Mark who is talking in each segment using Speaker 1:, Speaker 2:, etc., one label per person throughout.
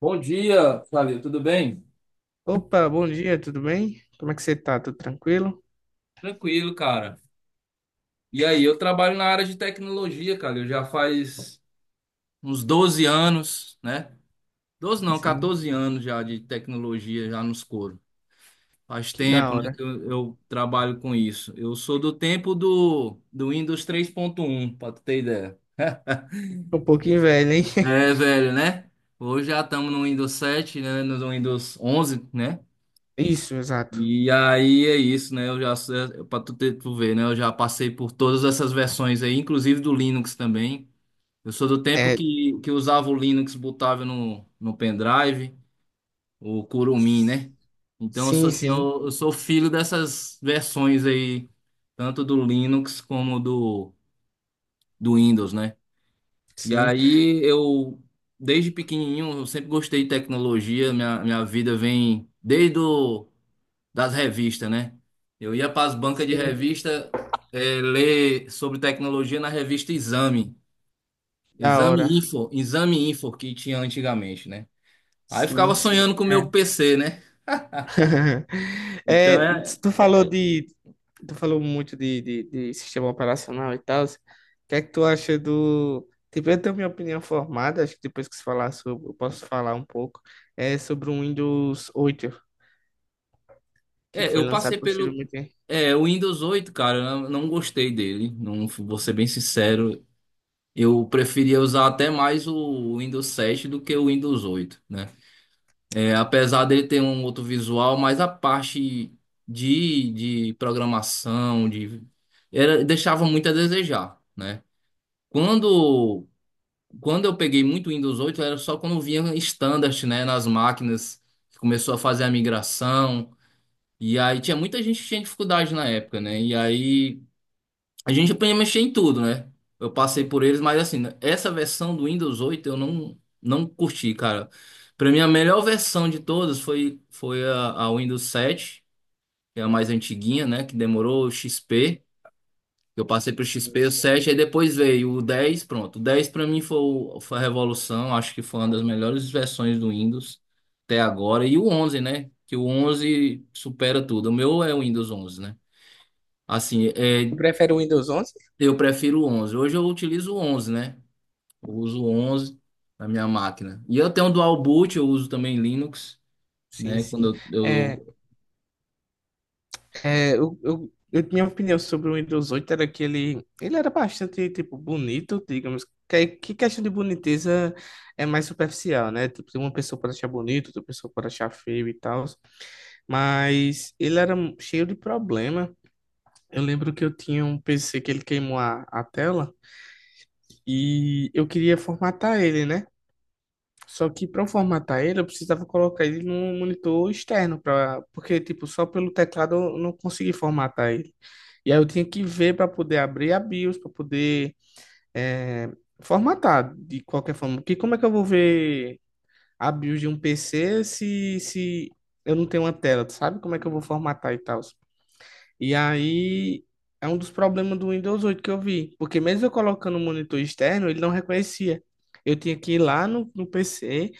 Speaker 1: Bom dia, Fábio, tudo bem?
Speaker 2: Opa, bom dia, tudo bem? Como é que você tá? Tudo tranquilo?
Speaker 1: Tranquilo, cara. E aí, eu trabalho na área de tecnologia, cara. Eu já faz uns 12 anos, né? 12 não,
Speaker 2: Sim,
Speaker 1: 14 anos já de tecnologia, já nos coros. Faz
Speaker 2: que da
Speaker 1: tempo, né,
Speaker 2: hora.
Speaker 1: que eu trabalho com isso. Eu sou do tempo do Windows 3.1, pra tu ter ideia.
Speaker 2: Um pouquinho velho, hein?
Speaker 1: É, velho, né? Hoje já estamos no Windows 7, né? No Windows 11, né?
Speaker 2: Isso, exato.
Speaker 1: E aí é isso, né? Eu já, para tu, tu ver, né? Eu já passei por todas essas versões aí, inclusive do Linux também. Eu sou do tempo
Speaker 2: É,
Speaker 1: que usava o Linux, botava no pendrive, o Kurumin, né? Então eu sou
Speaker 2: sim,
Speaker 1: assim,
Speaker 2: sim,
Speaker 1: eu sou filho dessas versões aí, tanto do Linux como do Windows, né? E
Speaker 2: sim,
Speaker 1: aí eu, desde pequenininho, eu sempre gostei de tecnologia, minha vida vem desde o das revistas, né? Eu ia para as bancas de
Speaker 2: sim,
Speaker 1: revista ler sobre tecnologia na revista Exame,
Speaker 2: da
Speaker 1: Exame
Speaker 2: hora.
Speaker 1: Info, Exame Info que tinha antigamente, né? Aí eu
Speaker 2: Sim,
Speaker 1: ficava sonhando
Speaker 2: sim.
Speaker 1: com o meu
Speaker 2: É.
Speaker 1: PC, né?
Speaker 2: É,
Speaker 1: Então é,
Speaker 2: tu falou de, tu falou muito de sistema operacional e tal. O que é que tu acha do? Tipo, eu tenho minha opinião formada, acho que depois que você falar sobre, eu posso falar um pouco, é sobre o Windows 8, que foi
Speaker 1: eu passei
Speaker 2: lançado
Speaker 1: pelo
Speaker 2: posteriormente.
Speaker 1: o Windows 8, cara, eu não gostei dele, não vou ser bem sincero. Eu preferia usar até mais o Windows 7 do que o Windows oito, né? É, apesar dele ter um outro visual, mas a parte de programação, deixava muito a desejar, né? Quando, quando eu peguei muito Windows 8 era só quando vinha standard, né, nas máquinas, que começou a fazer a migração, e aí tinha muita gente que tinha dificuldade na época, né? E aí a gente podia mexer em tudo, né? Eu passei por eles, mas assim, né, essa versão do Windows 8 eu não curti, cara. Pra mim, a melhor versão de todas foi a Windows sete, que é a mais antiguinha, né? Que demorou o XP. Eu passei pro
Speaker 2: Sim,
Speaker 1: XP, o
Speaker 2: sim.
Speaker 1: 7 aí depois veio o 10 pronto. O 10 pra mim foi a revolução, acho que foi uma das melhores versões do Windows até agora. E o onze, né? Que o 11 supera tudo. O meu é o Windows onze, né? Assim,
Speaker 2: Tu
Speaker 1: é.
Speaker 2: prefere o Windows 11?
Speaker 1: Eu prefiro o 11. Hoje eu utilizo o 11, né? Eu uso o 11 na minha máquina. E eu tenho um dual boot, eu uso também Linux,
Speaker 2: Sim,
Speaker 1: né?
Speaker 2: sim.
Speaker 1: Quando
Speaker 2: É,
Speaker 1: eu
Speaker 2: minha opinião sobre o Windows 8 era que ele era bastante, tipo, bonito, digamos. Que questão de boniteza é mais superficial, né? Tipo, uma pessoa pode achar bonito, outra pessoa pode achar feio e tal. Mas ele era cheio de problema. Eu lembro que eu tinha um PC que ele queimou a tela e eu queria formatar ele, né? Só que para eu formatar ele, eu precisava colocar ele num monitor externo, pra, porque, tipo, só pelo teclado eu não consegui formatar ele. E aí eu tinha que ver para poder abrir a BIOS, para poder eh, formatar de qualquer forma. Porque como é que eu vou ver a BIOS de um PC se eu não tenho uma tela, tu sabe? Como é que eu vou formatar e tal? E aí é um dos problemas do Windows 8 que eu vi, porque mesmo eu colocando um monitor externo, ele não reconhecia. Eu tinha que ir lá no PC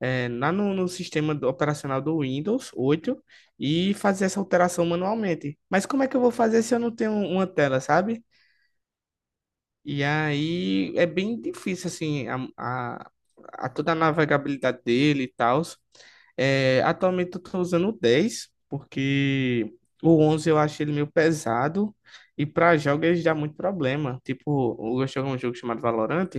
Speaker 2: lá no sistema operacional do Windows 8 e fazer essa alteração manualmente. Mas como é que eu vou fazer se eu não tenho uma tela, sabe? E aí é bem difícil, assim, a toda a navegabilidade dele e tal. É, atualmente eu tô usando o 10 porque o 11 eu acho ele meio pesado. E para jogos ele dá muito problema. Tipo, eu gosto de jogar um jogo chamado Valorant.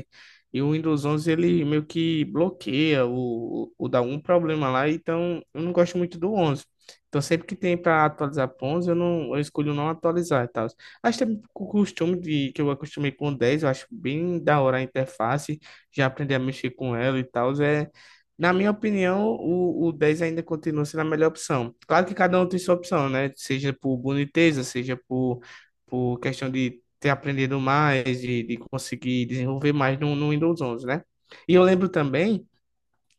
Speaker 2: E o Windows 11 ele meio que bloqueia ou dá algum problema lá. Então eu não gosto muito do 11. Então sempre que tem para atualizar pro 11 eu, não, eu escolho não atualizar e tal. Acho também o costume de, que eu acostumei com 10, eu acho bem da hora a interface, já aprendi a mexer com ela e tal. É, na minha opinião, o 10 ainda continua sendo a melhor opção. Claro que cada um tem sua opção, né? Seja por boniteza, seja por questão de ter aprendido mais, de conseguir desenvolver mais no Windows 11, né? E eu lembro também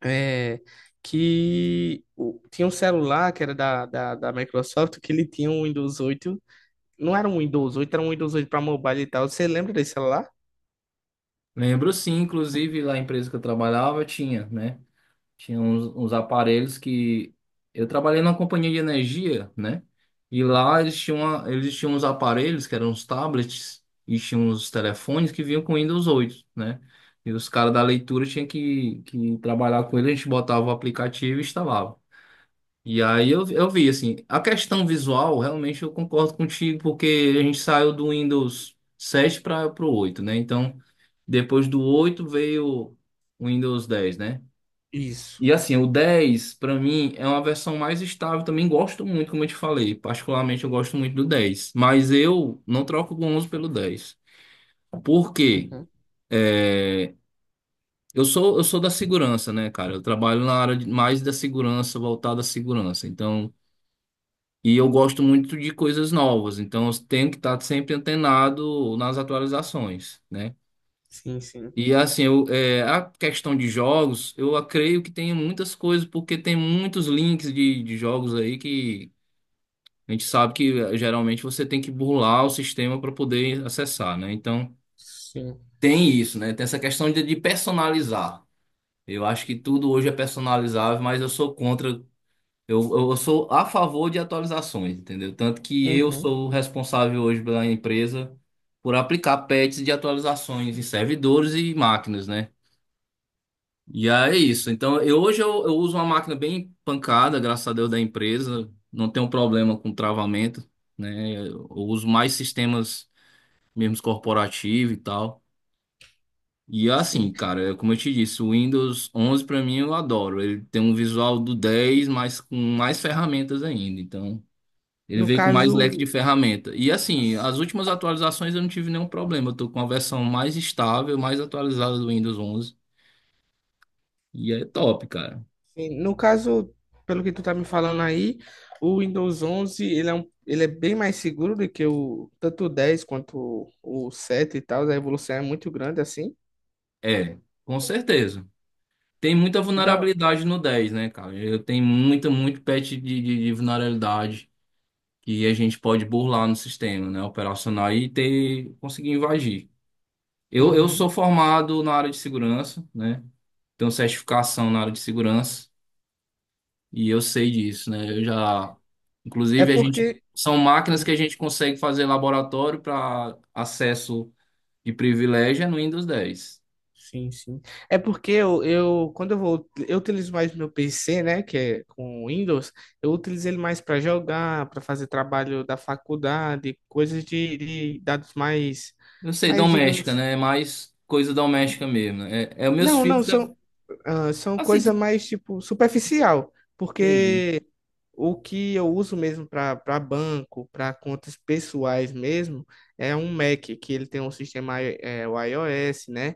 Speaker 2: é, que o- tinha um celular que era da Microsoft que ele tinha um Windows oito, não era um Windows oito, era um Windows 8 para mobile e tal. Você lembra desse celular?
Speaker 1: lembro sim, inclusive lá na empresa que eu trabalhava tinha, né? Tinha uns aparelhos que eu trabalhei numa companhia de energia, né? E lá eles tinham, eles tinham uns aparelhos que eram os tablets e tinham os telefones que vinham com Windows 8, né? E os caras da leitura tinham que trabalhar com ele, a gente botava o aplicativo e instalava. E aí eu vi, assim, a questão visual, realmente eu concordo contigo, porque a gente saiu do Windows 7 para o oito, né? Então, depois do 8 veio o Windows 10, né?
Speaker 2: Isso.
Speaker 1: E assim, o 10, para mim, é uma versão mais estável, também gosto muito, como eu te falei, particularmente eu gosto muito do 10, mas eu não troco o 11 pelo 10. Por quê?
Speaker 2: Uhum.
Speaker 1: É, eu sou da segurança, né, cara? Eu trabalho na área mais da segurança, voltada à segurança. Então, e eu gosto muito de coisas novas, então eu tenho que estar sempre antenado nas atualizações, né?
Speaker 2: Sim, sim.
Speaker 1: E assim, eu, é, a questão de jogos, creio que tem muitas coisas, porque tem muitos links de jogos aí que a gente sabe que geralmente você tem que burlar o sistema para poder acessar, né? Então
Speaker 2: Sim.
Speaker 1: tem isso, né? Tem essa questão de personalizar. Eu acho que tudo hoje é personalizável, mas eu sou contra. Eu sou a favor de atualizações, entendeu? Tanto que eu
Speaker 2: Uhum.
Speaker 1: sou o responsável hoje pela empresa por aplicar patches de atualizações em servidores e máquinas, né? E aí é isso. Então, hoje eu uso uma máquina bem pancada, graças a Deus, da empresa. Não tenho problema com travamento, né? Eu uso mais sistemas mesmo corporativos e tal. E assim,
Speaker 2: Sim.
Speaker 1: cara, é como eu te disse, o Windows 11 pra mim eu adoro. Ele tem um visual do 10, mas com mais ferramentas ainda. Então, ele
Speaker 2: No
Speaker 1: veio com mais
Speaker 2: caso,
Speaker 1: leque de ferramenta. E assim, as últimas atualizações eu não tive nenhum problema. Eu tô com a versão mais estável, mais atualizada do Windows 11. E é top, cara.
Speaker 2: sim, no caso, pelo que tu tá me falando aí, o Windows 11 ele é bem mais seguro do que o tanto o 10 quanto o 7 e tal. A evolução é muito grande assim.
Speaker 1: É, com certeza. Tem muita
Speaker 2: Que dá.
Speaker 1: vulnerabilidade no 10, né, cara? Eu tenho muita, muito patch de vulnerabilidade que a gente pode burlar no sistema, né, operacional e ter, conseguir invadir. Eu
Speaker 2: Uhum.
Speaker 1: sou formado na área de segurança, né? Tenho certificação na área de segurança. E eu sei disso, né? Eu já,
Speaker 2: É
Speaker 1: inclusive, a gente
Speaker 2: porque
Speaker 1: são máquinas que
Speaker 2: hum,
Speaker 1: a gente consegue fazer laboratório para acesso de privilégio é no Windows dez.
Speaker 2: sim, sim. É porque eu quando eu vou, eu utilizo mais meu PC, né, que é com Windows, eu utilizo ele mais para jogar, para fazer trabalho da faculdade, coisas de dados mais,
Speaker 1: Eu sei,
Speaker 2: mais,
Speaker 1: doméstica,
Speaker 2: digamos,
Speaker 1: né? É mais coisa doméstica mesmo, né? É, é os meus
Speaker 2: não, não,
Speaker 1: filhos também.
Speaker 2: são, ah, são
Speaker 1: Assim,
Speaker 2: coisa
Speaker 1: tu...
Speaker 2: mais, tipo, superficial,
Speaker 1: entendi.
Speaker 2: porque o que eu uso mesmo para banco, para contas pessoais mesmo, é um Mac, que ele tem um sistema, i- é, o iOS, né,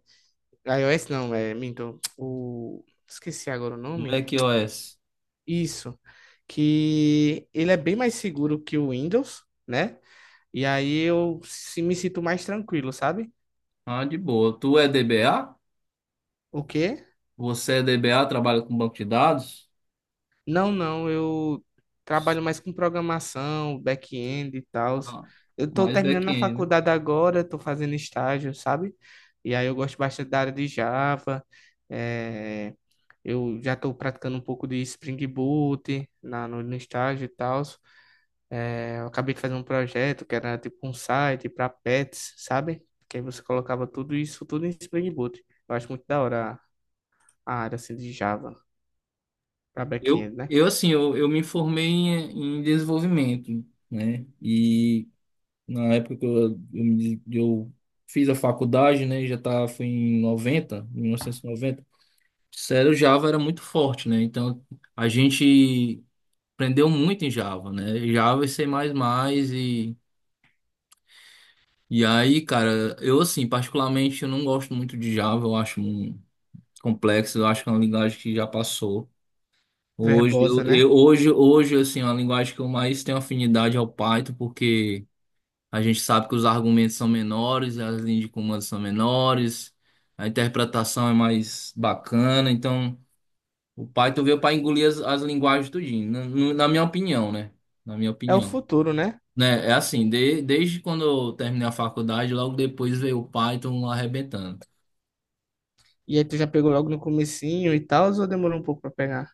Speaker 2: iOS não, é, minto, o... Esqueci agora o nome.
Speaker 1: macOS.
Speaker 2: Isso, que ele é bem mais seguro que o Windows, né? E aí eu se- me sinto mais tranquilo, sabe?
Speaker 1: Ah, de boa. Tu é DBA?
Speaker 2: O quê?
Speaker 1: Você é DBA, trabalha com banco de dados?
Speaker 2: Não, não, eu trabalho mais com programação, back-end e tal.
Speaker 1: Ah,
Speaker 2: Eu tô
Speaker 1: mais
Speaker 2: terminando a
Speaker 1: back-end, né?
Speaker 2: faculdade agora, tô fazendo estágio, sabe? E aí eu gosto bastante da área de Java, é... Eu já estou praticando um pouco de Spring Boot na, no, no estágio e tal. É, eu acabei de fazer um projeto que era tipo um site para pets, sabe? Que aí você colocava tudo isso, tudo em Spring Boot. Eu acho muito da hora a área assim de Java para
Speaker 1: Eu,
Speaker 2: back-end, né?
Speaker 1: eu assim, eu, eu me formei em, em desenvolvimento, né? E na época que eu fiz a faculdade, né? Já tá, foi em 90, 1990. Sério, o Java era muito forte, né? Então, a gente aprendeu muito em Java, né? Java e C++ e... E aí, cara, eu assim, particularmente, eu não gosto muito de Java. Complexo, eu acho que é uma linguagem que já passou. Hoje,
Speaker 2: Verbosa, né?
Speaker 1: hoje, assim, é uma linguagem que eu mais tenho afinidade ao Python, porque... A gente sabe que os argumentos são menores, as linhas de comando são menores, a interpretação é mais bacana. Então, o Python veio para engolir as linguagens tudinho, na, no- na minha opinião, né? Na minha
Speaker 2: É o
Speaker 1: opinião.
Speaker 2: futuro, né?
Speaker 1: Né? É assim, desde quando eu terminei a faculdade, logo depois veio o Python arrebentando.
Speaker 2: E aí tu já pegou logo no comecinho e tal, ou demorou um pouco para pegar?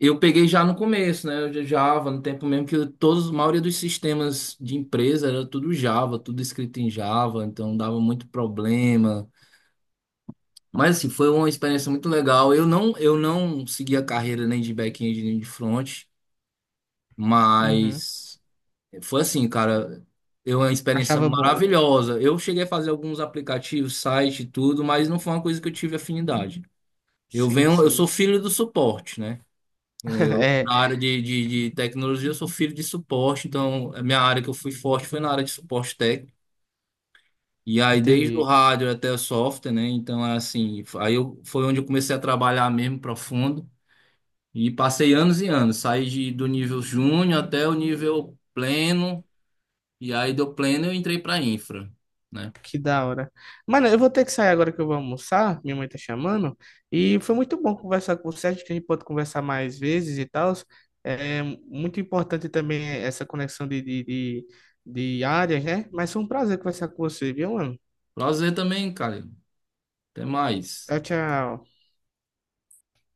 Speaker 1: Eu peguei já no começo, né? Eu já Java, no tempo mesmo que todos, a maioria dos sistemas de empresa era tudo Java, tudo escrito em Java, então dava muito problema. Mas assim, foi uma experiência muito legal. Eu não segui a carreira nem de back-end nem de front,
Speaker 2: Uhum.
Speaker 1: mas foi assim, cara, eu uma experiência
Speaker 2: Achava boa.
Speaker 1: maravilhosa. Eu cheguei a fazer alguns aplicativos, site e tudo, mas não foi uma coisa que eu tive afinidade. Eu
Speaker 2: Sim,
Speaker 1: venho, eu
Speaker 2: sim.
Speaker 1: sou filho do suporte, né? Eu,
Speaker 2: É,
Speaker 1: na área de tecnologia, eu sou filho de suporte, então a minha área que eu fui forte foi na área de suporte técnico. E aí, desde o
Speaker 2: entendi.
Speaker 1: hardware até o software, né? Então, é assim, aí eu, foi onde eu comecei a trabalhar mesmo profundo. E passei anos e anos, saí de, do nível júnior até o nível pleno, e aí do pleno eu entrei para infra, né?
Speaker 2: Que da hora. Mano, eu vou ter que sair agora que eu vou almoçar. Minha mãe tá chamando. E foi muito bom conversar com você. Acho que a gente pode conversar mais vezes e tal. É muito importante também essa conexão de áreas, né? Mas foi um prazer conversar com você, viu, mano?
Speaker 1: Prazer também, cara. Até mais.
Speaker 2: Tchau, tchau.